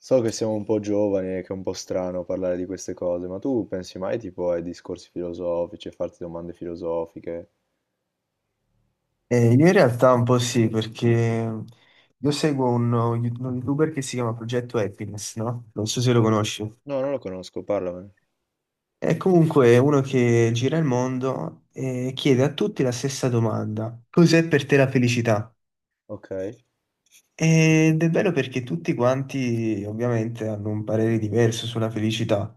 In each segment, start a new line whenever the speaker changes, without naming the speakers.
So che siamo un po' giovani e che è un po' strano parlare di queste cose, ma tu pensi mai tipo ai discorsi filosofici, a farti domande filosofiche?
Io in realtà un po' sì, perché io seguo uno youtuber che si chiama Progetto Happiness, no? Non so se lo conosci.
No, non lo conosco, parlamene.
È comunque uno che gira il mondo e chiede a tutti la stessa domanda. Cos'è per te la felicità?
Ok.
Ed è bello perché tutti quanti ovviamente hanno un parere diverso sulla felicità.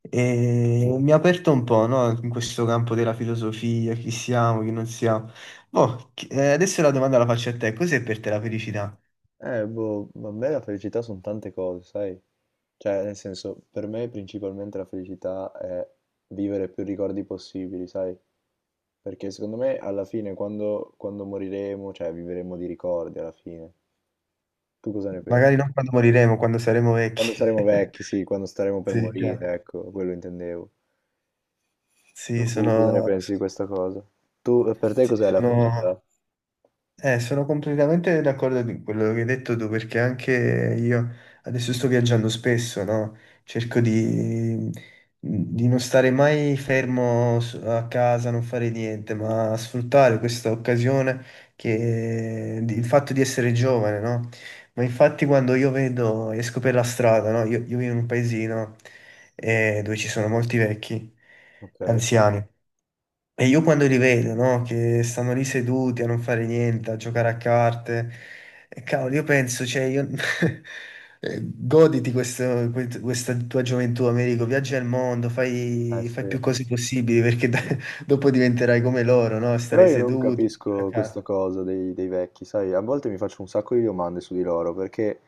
E mi ha aperto un po', no? In questo campo della filosofia, chi siamo, chi non siamo. Boh, adesso la domanda la faccio a te. Cos'è per te la felicità?
Ma a me la felicità sono tante cose, sai? Cioè, nel senso, per me principalmente la felicità è vivere più ricordi possibili, sai? Perché secondo me alla fine, quando moriremo, cioè vivremo di ricordi alla fine. Tu cosa ne
Magari
pensi?
non quando moriremo, quando saremo
Quando
vecchi.
saremo vecchi, sì, quando staremo per
Sì, chiaro.
morire, ecco, quello intendevo. Tu
Sì,
cosa ne
sono,
pensi di questa cosa? Tu, per te
sì,
cos'è la
sono
felicità?
sono completamente d'accordo con quello che hai detto tu, perché anche io adesso sto viaggiando spesso, no? Cerco di non stare mai fermo a casa, non fare niente, ma sfruttare questa occasione il fatto di essere giovane, no? Ma infatti quando io vedo, esco per la strada, no? Io vivo in un paesino dove ci sono molti vecchi,
Ok.
anziani. E io quando li vedo, no, che stanno lì seduti a non fare niente, a giocare a carte, e cavolo, io penso, cioè, io... goditi questa tua gioventù, Americo, viaggia al mondo,
Eh
fai
sì.
più cose possibili, perché dopo diventerai come loro, no?
Però
Stare
io non
seduti, giocare
capisco
a
questa
carte.
cosa dei vecchi, sai, a volte mi faccio un sacco di domande su di loro, perché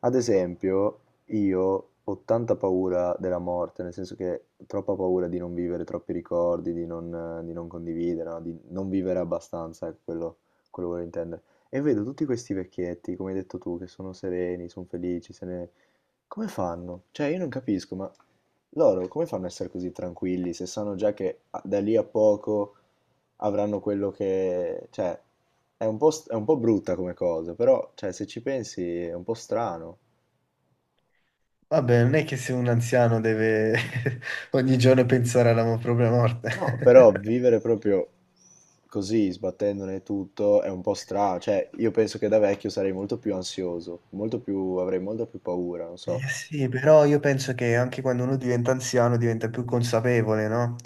ad esempio io ho tanta paura della morte, nel senso che ho troppa paura di non vivere troppi ricordi, di non condividere, no? Di non vivere abbastanza, ecco, quello volevo intendere. E vedo tutti questi vecchietti, come hai detto tu, che sono sereni, sono felici, se ne, come fanno? Cioè, io non capisco, ma loro come fanno a essere così tranquilli se sanno già che da lì a poco avranno quello che... Cioè, è un po', è un po' brutta come cosa, però, cioè, se ci pensi è un po' strano.
Vabbè, non è che se un anziano deve ogni giorno pensare alla propria
No,
morte.
però vivere proprio così, sbattendone tutto, è un po' strano. Cioè, io penso che da vecchio sarei molto più ansioso, molto più, avrei molto più paura, non so.
Sì, però io penso che anche quando uno diventa anziano diventa più consapevole, no?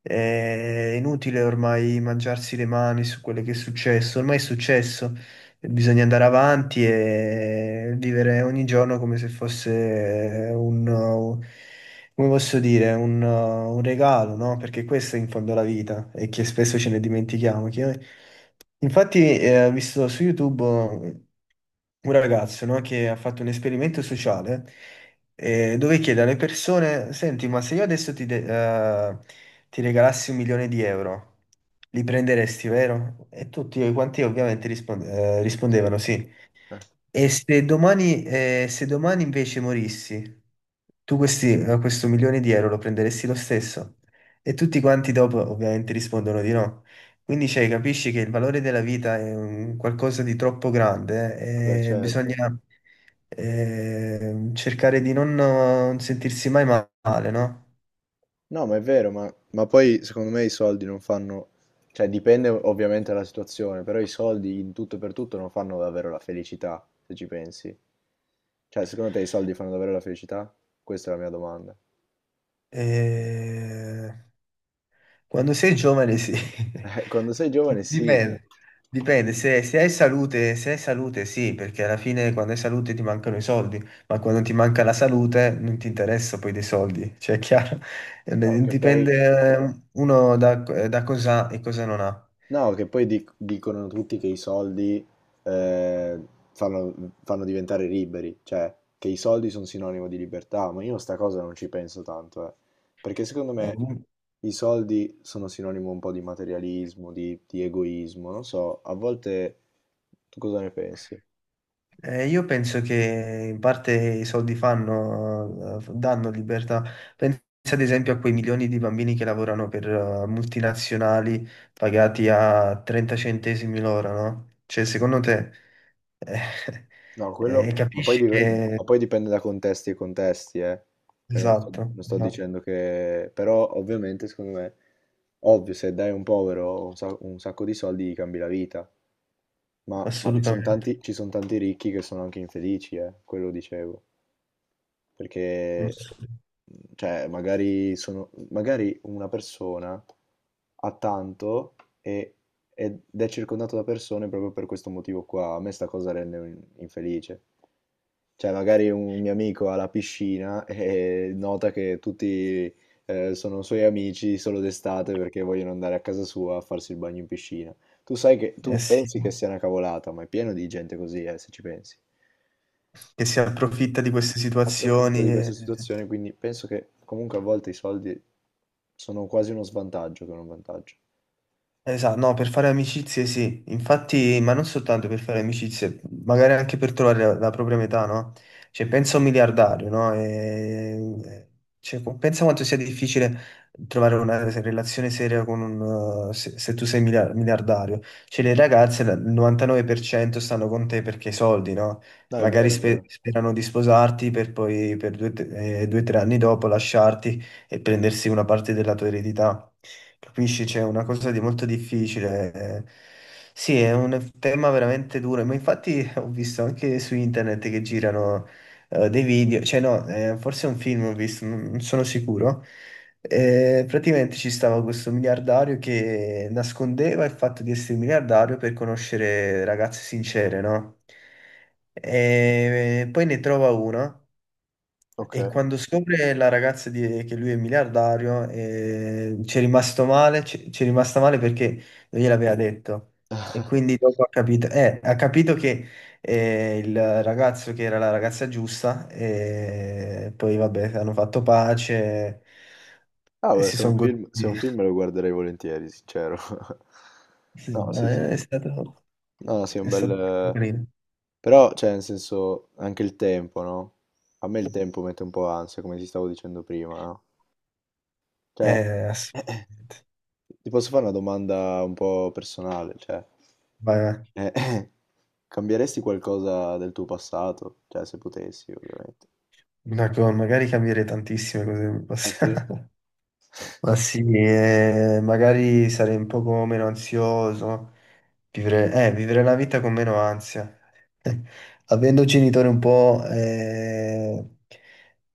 È inutile ormai mangiarsi le mani su quello che è successo, ormai è successo, bisogna andare avanti e vivere ogni giorno come se fosse come posso dire, un regalo, no? Perché questo è in fondo la vita e che spesso ce ne dimentichiamo, che Infatti, ho visto su YouTube un ragazzo, no, che ha fatto un esperimento sociale dove chiede alle persone: Senti, ma se io adesso eh, ti regalassi un milione di euro, li prenderesti, vero? E tutti quanti ovviamente
Sì.
rispondevano sì. E se domani, se domani invece morissi? Tu questo milione di euro lo prenderesti lo stesso? E tutti quanti dopo ovviamente rispondono di no. Quindi cioè, capisci che il valore della vita è un qualcosa di troppo grande
Vabbè,
e
certo.
bisogna cercare di non sentirsi mai male, no?
No, ma è vero, ma poi secondo me i soldi non fanno, cioè dipende ovviamente dalla situazione, però i soldi in tutto e per tutto non fanno davvero la felicità, se ci pensi. Cioè, secondo te i soldi fanno davvero la felicità? Questa è la mia domanda.
E Quando sei giovane, sì.
Quando sei giovane sì,
Dipende, dipende. Se hai salute, se hai salute, sì, perché alla fine quando hai salute ti mancano i soldi, ma quando ti manca la salute non ti interessa poi dei soldi, cioè è chiaro. Eh,
no, che
Dipende
poi...
uno da cosa ha e cosa non ha.
No, che poi dicono tutti che i soldi eh, fanno, fanno diventare liberi, cioè che i soldi sono sinonimo di libertà, ma io sta cosa non ci penso tanto, eh. Perché secondo
Eh,
me i soldi sono sinonimo un po' di materialismo, di egoismo, non so, a volte tu cosa ne pensi?
Io penso che in parte i soldi fanno, danno libertà. Pensa ad esempio a quei milioni di bambini che lavorano per multinazionali pagati a 30 centesimi l'ora, no? Cioè, secondo te, eh,
No, quello,
capisci
ma
che...
poi dipende da contesti e contesti, eh. Cioè,
Esatto,
non sto
esatto,
dicendo che... Però ovviamente, secondo me, ovvio, se dai a un povero un sacco di soldi gli cambi la vita, ma ci sono
assolutamente.
tanti, ci son tanti ricchi che sono anche infelici, quello dicevo. Perché, mhmm, cioè, magari sono, magari una persona ha tanto e- ed è circondato da persone proprio per questo motivo qua. A me sta cosa rende infelice. Cioè, magari un mio amico ha la piscina e nota che tutti sono suoi amici solo d'estate perché vogliono andare a casa sua a farsi il bagno in piscina. Tu sai che
Eh
tu
sì,
pensi che sia una cavolata, ma è pieno di gente così, se ci pensi.
che si approfitta di queste
Approfitto di
situazioni.
questa situazione, quindi penso che comunque a volte i soldi sono quasi uno svantaggio che un vantaggio.
Esatto, no, per fare amicizie sì, infatti, ma non soltanto per fare amicizie, magari anche per trovare la propria metà, no? Cioè, pensa a un miliardario, no? Cioè, pensa quanto sia difficile trovare una relazione seria con un, se, se tu sei miliardario. Cioè, il 99% stanno con te perché i soldi, no?
No, è
Magari
vero, è vero.
sperano di sposarti per poi, per due o tre anni dopo, lasciarti e prendersi una parte della tua eredità. Capisci? C'è una cosa di molto difficile. Sì, è un tema veramente duro, ma infatti ho visto anche su internet che girano dei video, cioè no, forse è un film ho visto, non sono sicuro. Praticamente ci stava questo miliardario che nascondeva il fatto di essere miliardario per conoscere ragazze sincere, no? E poi ne trova una
Ok.
e quando scopre che lui è miliardario, ci è rimasta male perché non gliel'aveva detto. E quindi dopo ha capito che il ragazzo che era la ragazza giusta, e poi vabbè, hanno fatto pace
Ah,
e
beh,
si
se è un
sono goduti.
film, se è un film lo guarderei volentieri, sincero.
Sì,
No,
no,
sì, sì. No, no, sì, è un
è
bel...
stato carino.
però, cioè, nel senso, anche il tempo, no? A me il tempo mette un po' ansia, come ti stavo dicendo prima, no? Cioè,
Assolutamente.
ti posso fare una domanda un po' personale, cioè...
Ma,
Eh, cambieresti qualcosa del tuo passato? Cioè, se potessi, ovviamente.
ma che magari cambiare tantissime cose nel
Ah sì?
passato. Ma sì, magari sarei un poco meno ansioso, vivere la vita con meno ansia. Avendo genitori un po',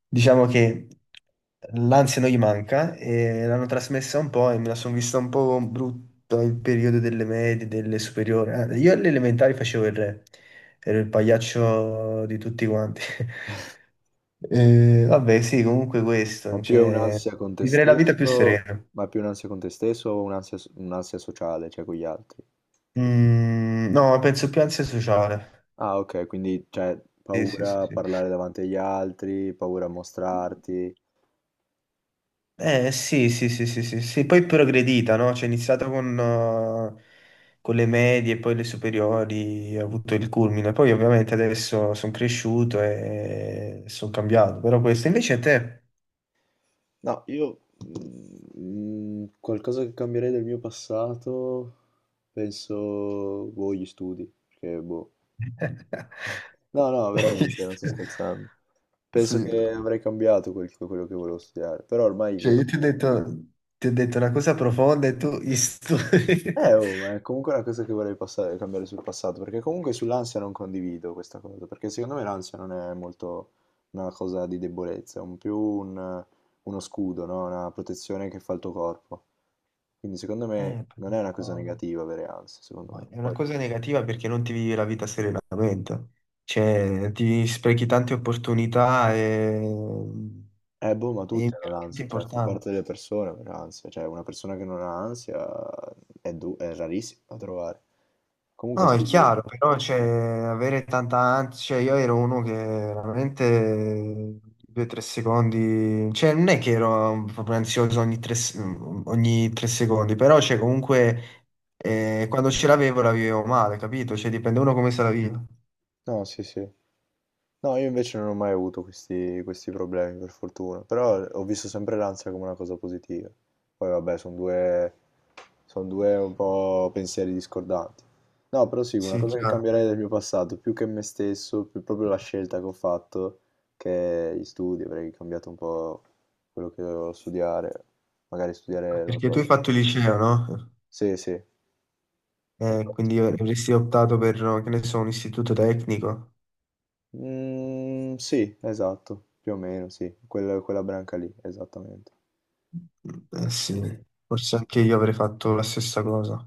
diciamo che l'ansia non gli manca e l'hanno trasmessa un po' e me la sono vista un po' brutta il periodo delle medie, delle superiori. Ah, io alle elementari facevo il re, ero il pagliaccio di tutti quanti. Vabbè, sì, comunque
Ma
questo,
più è
cioè,
un'ansia con te
vivere la vita più
stesso,
serena.
ma più un'ansia con te stesso o un'ansia sociale, cioè con gli altri?
No, penso più ansia sociale.
Ah, ok, quindi cioè,
Sì, sì, sì,
paura a
sì.
parlare davanti agli altri, paura a mostrarti.
Eh sì, sì, sì, sì, sì, sì. Poi è progredita, no? Cioè, è iniziato con le medie, poi le superiori, ha avuto il culmine. Poi ovviamente adesso sono cresciuto e sono cambiato. Però questo invece a te...
No, io mm, qualcosa che cambierei del mio passato, penso, boh, gli studi, perché boh, no, no, veramente, non sto scherzando. Penso
Sì.
che avrei cambiato quello che volevo studiare, però ormai
Cioè,
che...
io ti ho detto una cosa profonda e tu... gli studi.
Oh, ma è comunque una cosa che vorrei cambiare sul passato, perché comunque sull'ansia non condivido questa cosa, perché secondo me l'ansia non è molto una cosa di debolezza, è un più uno scudo, no? Una protezione che fa il tuo corpo. Quindi secondo me
Eh,
non è una cosa
però-
negativa avere ansia, secondo me.
Ma è una
Poi...
cosa negativa perché non ti vivi la vita serenamente, cioè ti sprechi tante opportunità e...
Boh, ma
è
tutti hanno
veramente
l'ansia, cioè fa
importante.
parte delle persone avere l'ansia, cioè una persona che non ha ansia è, è rarissima da trovare. Comunque
No,
sì,
è
io...
chiaro, però cioè, avere tanta ansia, cioè, io ero uno che veramente due o tre secondi, cioè non è che ero proprio ansioso ogni ogni tre secondi, però cioè, comunque quando ce l'avevo la vivevo male, capito? Cioè dipende uno come se la vive.
No, sì, sì. No, io invece non ho mai avuto questi problemi, per fortuna. Però ho visto sempre l'ansia come una cosa positiva. Poi vabbè, sono due un po' pensieri discordanti. No, però sì, una
Sì,
cosa che
chiaro.
cambierei del mio passato, più che me stesso, più proprio la scelta che ho fatto, che gli studi, avrei cambiato un po' quello che dovevo studiare. Magari studiare, non lo
Perché
so.
tu hai fatto il liceo, no?
Sì, sì, esatto.
Quindi avresti optato per, che ne so, un istituto tecnico?
Mm, sì, esatto, più o meno, sì, quella, quella branca lì, esattamente.
Eh sì, forse anche io avrei fatto la stessa cosa.